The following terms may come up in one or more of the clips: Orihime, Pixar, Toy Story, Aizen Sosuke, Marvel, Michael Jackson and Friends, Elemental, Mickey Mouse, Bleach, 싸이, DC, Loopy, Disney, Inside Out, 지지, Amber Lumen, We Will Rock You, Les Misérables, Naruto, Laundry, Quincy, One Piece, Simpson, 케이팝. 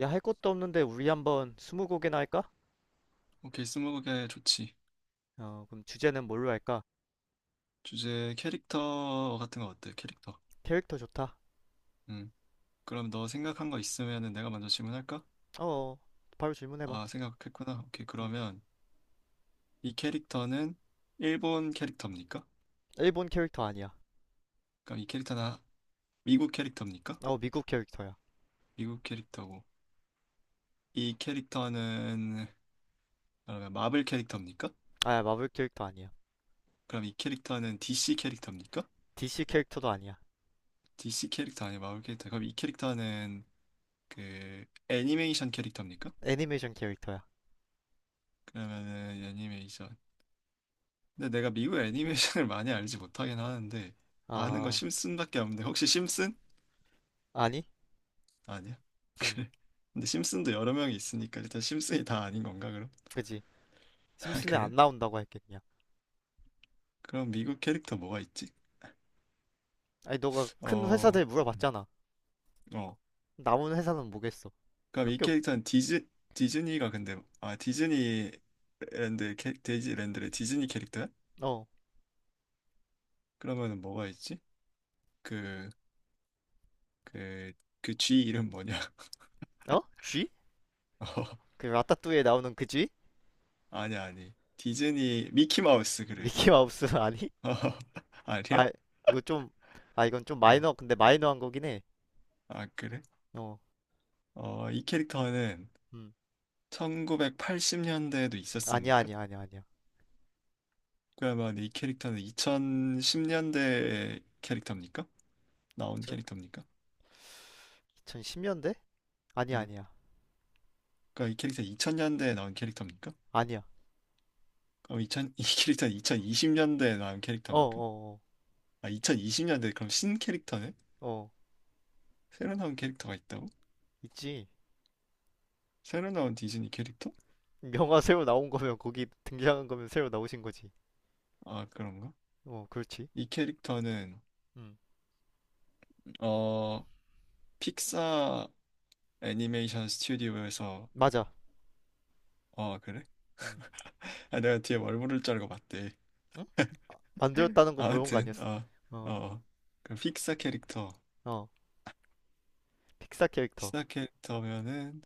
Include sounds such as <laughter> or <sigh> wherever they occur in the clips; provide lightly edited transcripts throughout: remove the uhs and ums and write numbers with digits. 야, 할 것도 없는데 우리 한번 스무고개나 할까? 오케이, 스무고개 좋지. 그럼 주제는 뭘로 할까? 주제 캐릭터 같은 거 어때? 캐릭터. 캐릭터 좋다. 음. 그럼 너 생각한 거 있으면은 내가 먼저 질문할까? 어, 어. 바로 질문해봐. 아, 생각했구나. 오케이, 음. 그러면 이 캐릭터는 일본 캐릭터입니까? 일본 캐릭터 아니야. 그럼 이 캐릭터는 미국 캐릭터입니까? 어, 미국 캐릭터야. 미국 캐릭터고. 이 캐릭터는 그러면 마블 캐릭터입니까? 아, 마블 캐릭터 아니야. 그럼 이 캐릭터는 DC 캐릭터입니까? DC 캐릭터도 아니야. DC 캐릭터 아니 마블 캐릭터. 그럼 이 캐릭터는 그 애니메이션 캐릭터입니까? 애니메이션 캐릭터야. 그러면은 애니메이션 근데 내가 미국 애니메이션을 많이 알지 못하긴 하는데 아는 거 아, 심슨밖에 없는데 혹시 심슨? 아니? 아니야. 음, 근데 심슨도 여러 명이 있으니까 일단 심슨이 다 아닌 건가 그럼? 그지. <laughs> 아, 심슨은 그래? 안 나온다고 할게, 그냥. 그럼 미국 캐릭터 뭐가 있지? 아니, 너가 큰 어, 회사들 음, 물어봤잖아. 어. 남은 회사는 뭐겠어? 그럼 몇 이 개 없, 캐릭터는 디즈니가, 근데 아, 디즈니랜드 캐 디즈랜드의 디즈니 캐릭터야? 어, 그러면은 뭐가 있지? 그 그 그 쥐 이름 뭐냐? <laughs> 어? 쥐? 어, 그 라따뚜이에 나오는 그 쥐? 아니 아니 디즈니 미키 마우스 그래. 미키 마우스 <laughs> 아니? <laughs> 어, 아니야? 아, 이거 좀, 아, 이건 좀 어. 마이너, 근데 마이너한 거긴 해. 아, 그래? 어, 어, 이 캐릭터는 음. 1980년대에도 아니야, 있었습니까? 아니야, 아니야, 아니야. 그러면 이 캐릭터는 2010년대 캐릭터입니까? 나온 캐릭터입니까? 2010년대 아니야, 음. 아니야. 그러니까 이 캐릭터 2000년대에 나온 캐릭터입니까? 아니야. 그럼 2 0 <laughs> 이 캐릭터는 2020년대에 나온 어, 캐릭터입니까? 어, 아, 2020년대 그럼 신 캐릭터네? 어, 어. 새로 나온 캐릭터가 있다고? 있지. 새로 나온 디즈니 캐릭터? 영화 새로 나온 거면, 거기 등장한 거면 새로 나오신 거지. 아, 그런가? 어, 그렇지. 이 캐릭터는 음. 어, 픽사 애니메이션 스튜디오에서. 맞아. 어, 그래? 음. 아, 내가 뒤에 뭘 부를 줄 알고 봤대. 응? 아, 만들었다는 거 물어본 거 아무튼 아니었어. 어, 어, 어, 그 픽사 캐릭터, 어. 픽사 캐릭터. 픽사 캐릭터면은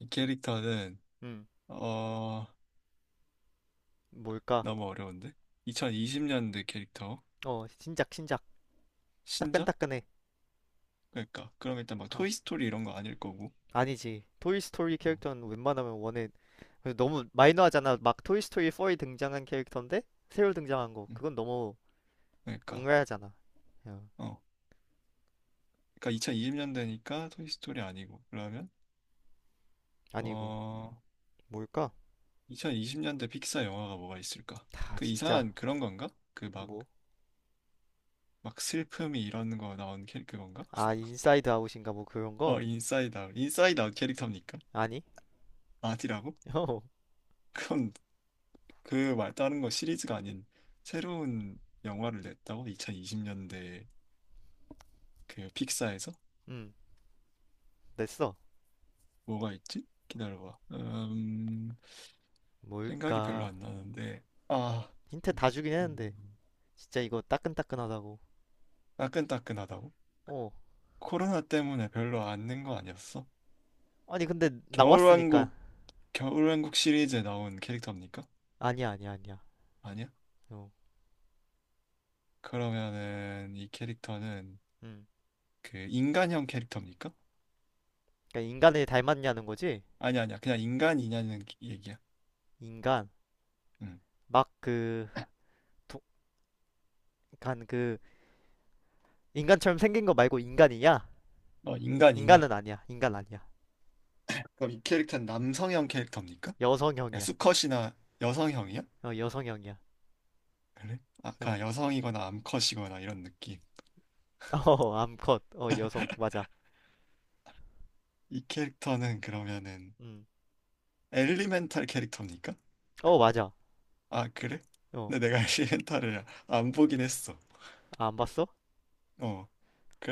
이 캐릭터는 음. 어, 뭘까? 너무 어려운데? 2020년대 캐릭터 어, 신작, 신작. 신작? 따끈따끈해. 그러니까 그럼 일단 막 어. 토이 스토리 이런 거 아닐 거고. 아니지. 토이 스토리 어, 캐릭터는 웬만하면 원에, 그래서 너무 마이너하잖아. 막 토이스토리 4에 등장한 캐릭터인데 새로 등장한 거. 음, 그건 너무 그러니까 악랄하잖아. 야, 어, 그러니까 2020년대니까 토이 스토리 아니고 그러면 아니고 어 뭘까? 2020년대 픽사 영화가 뭐가 있을까? 다 그 진짜. 이상한 그런 건가? 그 막 뭐? 막 슬픔이 이런 거 나온 캐릭터 건가? 아 인사이드 아웃인가 뭐 그런 어, 거? 인사이드 아웃. 인사이드 아웃 캐릭터입니까? 아니? 아디라고? <laughs> 어, <laughs> 그건 그 말 다른 거 시리즈가 아닌 새로운 영화를 냈다고? 2020년대 그 픽사에서? 음 됐어. 뭐가 있지? 기다려봐. 생각이 별로 뭘까? 안 나는데. 아, 힌트 다 잠깐만. 주긴 했는데 음, 진짜 이거 따끈따끈하다고. 따끈따끈하다고? 어. 코로나 때문에 별로 안 낸 거 아니었어? 아니 근데 나왔으니까. 겨울왕국, 겨울왕국 시리즈에 나온 캐릭터입니까? 아니야 아니야 아니야. 아니야? 어, 그러면은 이 캐릭터는 음 그 인간형 캐릭터입니까? 그러니까 인간을 닮았냐는 거지? 아니, 아니야. 그냥 인간이냐는 얘기야. 인간, 응. 막 그 간그 인간처럼 생긴 거 말고 인간이냐? 어너 인간이냐? 인간은 아니야. 인간 아니야. 그럼 이 캐릭터는 남성형 캐릭터입니까? 그냥 여성형이야. 수컷이나 여성형이야? 어, 여성형이야. 그래? 아, 어. 그냥 여성이거나 암컷이거나 이런 느낌. <laughs> 어, 암컷. 어, 여성. 맞아. 이 캐릭터는 그러면은 음. 엘리멘탈 캐릭터입니까? 어, 맞아. 아, 그래? 어. 근데 내가 <laughs> 엘리멘탈을 안 보긴 했어. 아, 안 봤어? 어.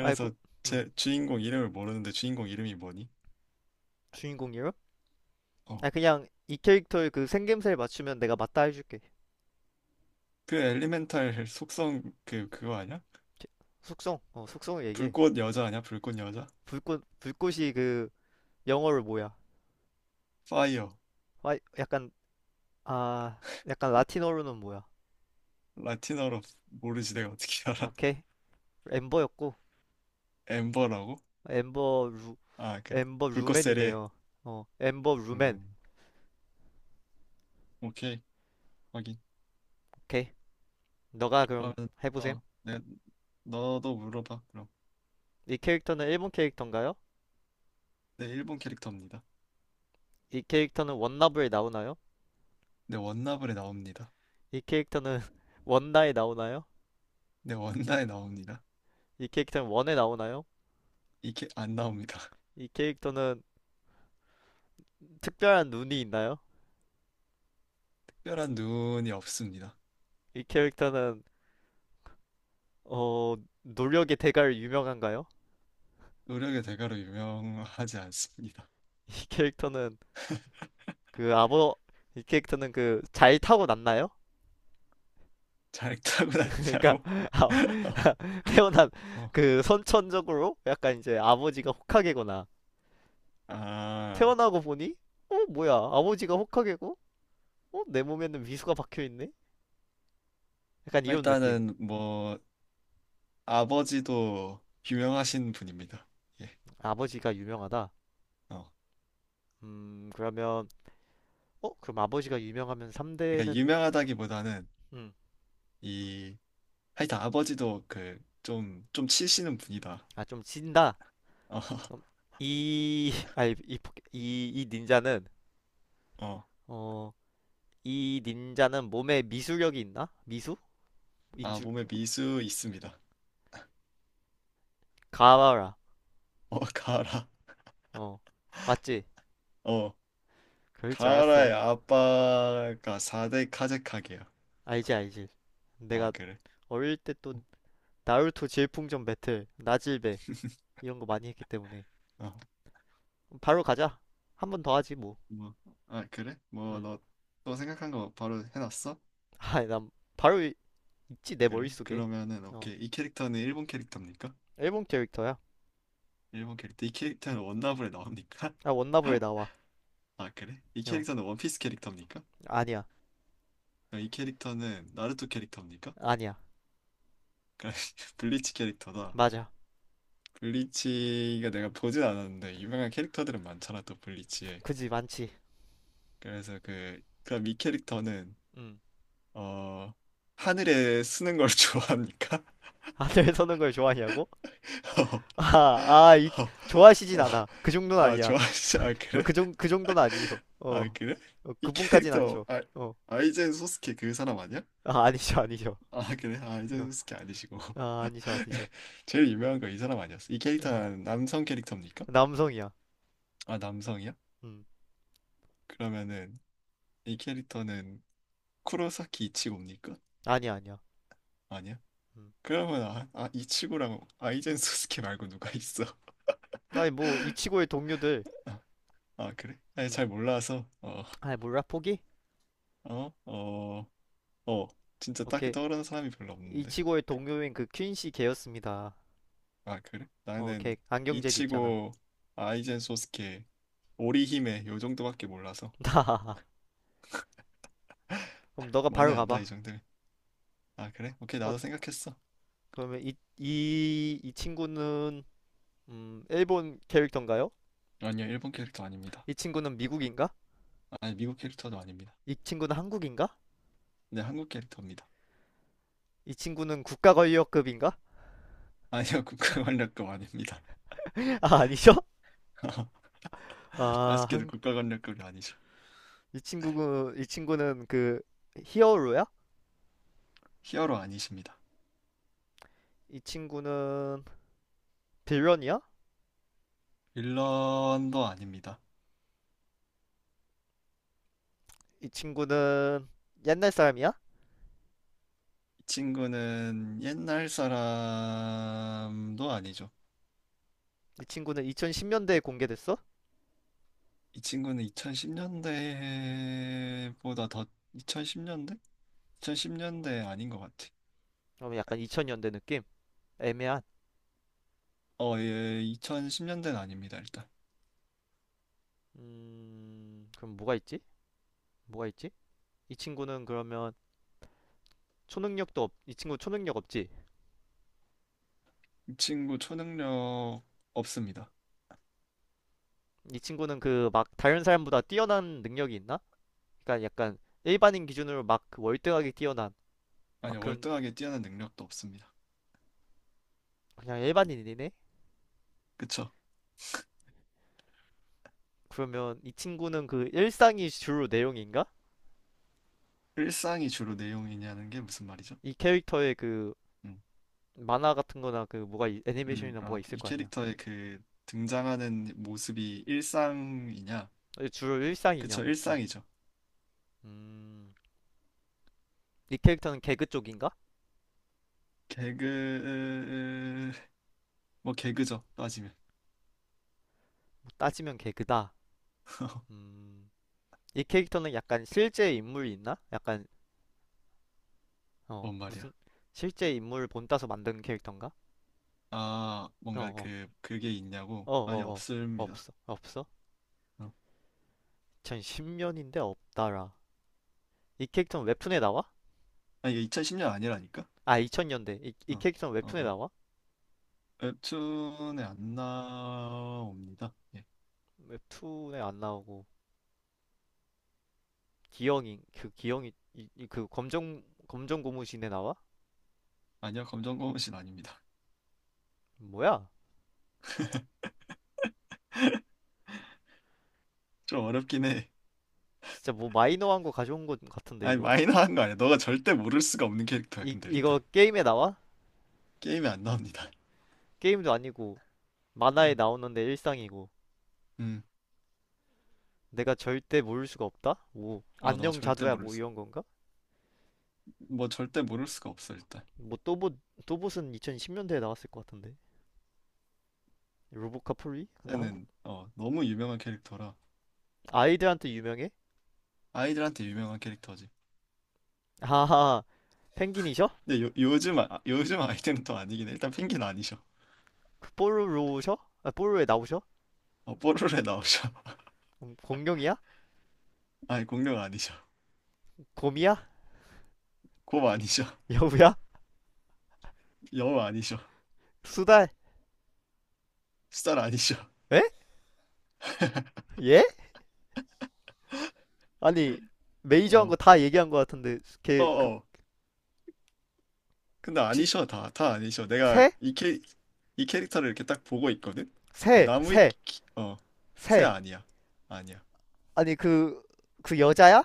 아이고. 음. 제 주인공 이름을 모르는데 주인공 이름이 뭐니? 주인공이요? 아, 어. 그냥 이 캐릭터의 그 생김새를 맞추면 내가 맞다 해줄게. 그 엘리멘탈 속성 그거 아니야? 캐- 숙성. 어, 숙성을 얘기해. 불꽃 여자 아니야? 불꽃 여자? 불꽃이 그 영어로 뭐야? 파이어. 아, 약간, 아, 약간 라틴어로는 뭐야? 라틴어로 모르지, 내가 어떻게 알아? <laughs> 오케이. 엠버였고, 엠버라고? 엠버 루, 아, 그래. 엠버 불꽃세례. 루맨이네요. 어, 엠버 루맨. 음. 오케이. 확인. 오케이. 너가 그럼 그러면 해보셈. 어, 네, 너도 물어봐 그럼. 이 캐릭터는 일본 캐릭터인가요? 네, 일본 캐릭터입니다. 이 캐릭터는 원나블에 나오나요? 네, 원나블에 나옵니다. 이 캐릭터는 <laughs> 원나에 나오나요? 네, 원나에 나옵니다. 이 캐릭터는 원에 나오나요? 이게 안 나옵니다. <laughs> 이 캐릭터는 특별한 눈이 있나요? 특별한 눈이 없습니다. 이 캐릭터는 어, 노력의 대가로 유명한가요? 노력의 대가로 유명하지 않습니다. 이 캐릭터는 그 아버, 이 캐릭터는 그 잘 타고났나요? 잘 그러니까 타고났냐고? <laughs> 아, <laughs> 태어난, 어, 어. 그 선천적으로 약간 이제 아버지가 호카게거나 아, 태어나고 보니, 어 뭐야, 아버지가 호카게고, 어 내 몸에는 미수가 박혀 있네, 약간 이런 느낌. 일단은 뭐 아버지도 유명하신 분입니다. 예. 아버지가 유명하다. 어. 그러면, 어 그럼 아버지가 유명하면 그러니까 3대는, 유명하다기보다는 이, 하여튼 아버지도 그 좀 치시는 분이다. 아 좀 진다. 어, <laughs> 그럼 이, <laughs> 아니 이, 포- 이, 이 닌자는, 어, 어, 이 닌자는 몸에 미수력이 있나, 미수, 인아, 주 몸에 미수 있습니다. 가와라. 어, 가라. 어 맞지. 어, 그럴 줄 가라의 알았어. 아빠가 4대 카제카게야. 알지 알지. 아, 내가 그래? 어릴 때 또 나루토 질풍전 배틀 나질배 이런 거 많이 했기 때문에 어, 바로 가자. 한 번 더 하지 뭐. 뭐, 아, 그래? 뭐, 음. 너 또 생각한 거 바로 해놨어? 아, <laughs> 난 바로 이- 있지, 내 그래? 머릿속에. 그러면은 어. 오케이, 이 캐릭터는 일본 캐릭터입니까? 앨범 캐릭터야. 일본 캐릭터. 이 캐릭터는 원나블에 나옵니까? 아, <laughs> 원나블에 나와. 아, 그래? 이 어. 캐릭터는 원피스 캐릭터입니까? 아니야. 그럼 이 캐릭터는 나루토 캐릭터입니까? 아니야. <laughs> 블리치 캐릭터다. 맞아. 블리치가, 내가 보진 않았는데 유명한 캐릭터들은 많잖아 또 블리치에. 그지 많지. 그래서 그 그럼 이 캐릭터는 음. 어, 하늘에 쓰는 걸 <laughs> 좋아합니까? 하늘 <laughs> 서는 걸 좋아하냐고? <laughs> 어, <laughs> 아, 아, 이, 어, 좋아하시진 어. 않아. 그 정도는 아, 아니야. 좋아하시 아, 어, 그래? 그 정, 그 정도는 아니셔. 아, 어, 그래? 어, 이 그분까진 캐릭터 아니셔. 아, 어, 아이젠 소스케 그 사람 아니야? 아, 아니셔, 아니셔. 아, 그래? 아, 아이젠 어, 소스케 아니시고 아, 아니셔, 아니셔. <laughs> 제일 유명한 거 이 사람 아니었어? 이 아, 캐릭터는 남성 캐릭터입니까? 남성이야. 아, 남성이야? 음, 그러면은 이 캐릭터는 쿠로사키 이치고입니까? 아니야, 아니야. 아니야? 음. 그러면 아, 아, 이치고랑 아이젠 소스케 말고 누가 있어? 아니, 뭐, <laughs> 이치고의 동료들. 아, 아, 그래? 아니, 잘 음. 몰라서 아, 몰라, 포기? 어어어, 어, 진짜 딱히 오케이. 떠오르는 사람이 별로 없는데. 이치고의 동료인 그 퀸시 걔였습니다. 아, 그래? 어, 나는 걔 안경제비 있잖아. 이치고, 아이젠 소스케, 오리히메 요 정도밖에 몰라서. <laughs> 나. 그럼 너가 많이 바로 안다 가봐. 이 정도면. 아, 그래? 오케이. 어, 나도 생각했어. 그러면 이, 이, 이 친구는, 일본 캐릭터인가요? 아니요, 일본 캐릭터 아닙니다. 이 친구는 미국인가? 아니, 미국 캐릭터도 아닙니다. 이 친구는 한국인가? 네, 한국 캐릭터입니다. 이 친구는 국가권력급인가? 아니요, <laughs> 국가 활력도 아닙니다. <laughs> 아, 아니죠? <laughs> 아, 아쉽게도 한, 국가관리급이 아니죠. 이 친구는, 이 친구는 그 히어로야? 히어로 아니십니다. 이 친구는 빌런이야? 빌런도 아닙니다. 이 친구는 옛날 사람이야? 이 친구는 옛날 사람도 아니죠. 이 친구는 2010년대에 공개됐어? 이 친구는 2010년대보다 더. 2010년대? 2010년대 아닌 것 같아. 그러면 약간 2000년대 느낌? 애매한. 어, 예, 2010년대는 아닙니다, 일단. 그럼 뭐가 있지? 뭐가 있지? 이 친구는 그러면 초능력도 없, 이 친구 초능력 없지? 이 친구 초능력 없습니다. 이 친구는 그 막 다른 사람보다 뛰어난 능력이 있나? 그러니까 약간 일반인 기준으로 막그 월등하게 뛰어난, 아니, 막 그런, 월등하게 뛰어난 능력도 없습니다. 그냥 일반인이네? 그쵸? 그러면 이 친구는 그 일상이 주로 내용인가? 일상이 주로 내용이냐는 게 무슨 말이죠? 이 캐릭터의 그 음. 만화 같은 거나 그 뭐가 있- 애니메이션이나 뭐가 아, 그 있을 이 거 아니야? 캐릭터의 그 등장하는 모습이 일상이냐? 어, 주로 그쵸, 일상이냐고. 어. 일상이죠. 음. 이 캐릭터는 개그 쪽인가? 개그, 뭐 개그죠, 따지면. 뭐 따지면 개그다. <laughs> 음, 이 캐릭터는 약간 실제 인물이 있나? 약간, 어, 뭔 말이야. 무슨, 실제 인물 본따서 만든 캐릭터인가? 아, 어, 뭔가 어, 그, 그게 있냐고? 어, 아니, 어, 어, 없습니다. 없어, 없어? 어. 2010년인데 없다라. 이 캐릭터는 웹툰에 나와? 아니, 이게 2010년 아니라니까? 아, 2000년대. 이, 이 어, 캐릭터는 어, 웹툰에 어. 나와? 웹툰에 안 나옵니다. 예. 웹툰에 안 나오고, 기영이, 그 기영이, 이, 이- 그 검정, 검정 고무신에 나와? 아니요, 검정고무신 아닙니다. 뭐야? 좀 어렵긴 해. 진짜 뭐 마이너한 거 가져온 것 같은데, 아니, 이거? 마이너한 거 아니야. 너가 절대 모를 수가 없는 캐릭터야, 이, 근데 일단. 이거 게임에 나와? 게임에 안 나옵니다. 게임도 아니고, 만화에 음. 나오는데 일상이고 음. 내가 절대 모를 수가 없다? 오 어, 너 안녕 절대 자두야 모를 뭐 수, 이런 건가? 뭐 절대 모를 수가 없어 일단. 뭐 또봇, 또봇은 2010년대에 나왔을 것 같은데, 로보카폴리? 근데 한국 얘는 어, 너무 유명한 캐릭터라 아이들한테 유명해? 아이들한테 유명한 캐릭터지. 하하. 펭귄이셔? 근데 요즘 아, 요즘 아이들은 또 아니긴 해. 일단 펭귄 아니셔. 그 뽀로로셔? 아 뽀로로에 나오셔? 어, 뽀로로에 나오셔. <laughs> 공룡이야? 아니, 공룡 아니셔. 곰이야? 곰 아니셔. <laughs> 여우야? 여우 아니셔. 수달? 수달 아니셔. 에? 예? 아니 메이저한 어, 거 다 얘기한 것 같은데 어, 걔 그, 어. 근데 혹시 아니셔. 다 아니셔. 내가 새? 이 캐, 이 캐릭터를 이렇게 딱 보고 있거든. 그 새, 새, 나무위키, 어, 새 새. 아니야. 아니야. 아니 그, 그 여자야?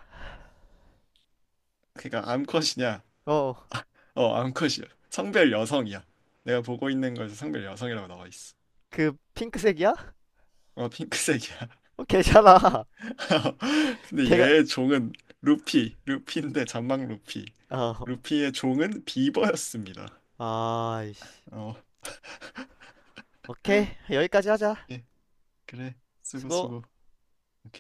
그러니까 암컷이냐? 어, 어. 어, 암컷이야. 성별 여성이야. 내가 보고 있는 거에서 성별 여성이라고 나와 있어. 그 핑크색이야? 어, 핑크색이야. 어, 괜찮아. <laughs> <laughs> 근데 걔가, 얘 종은 루피인데 잔망 루피. 어, 루피의 종은 비버였습니다. 아, 어, 오케이. 여기까지 하자. 예, 그래. 수고, 수고. 수고. 오케이.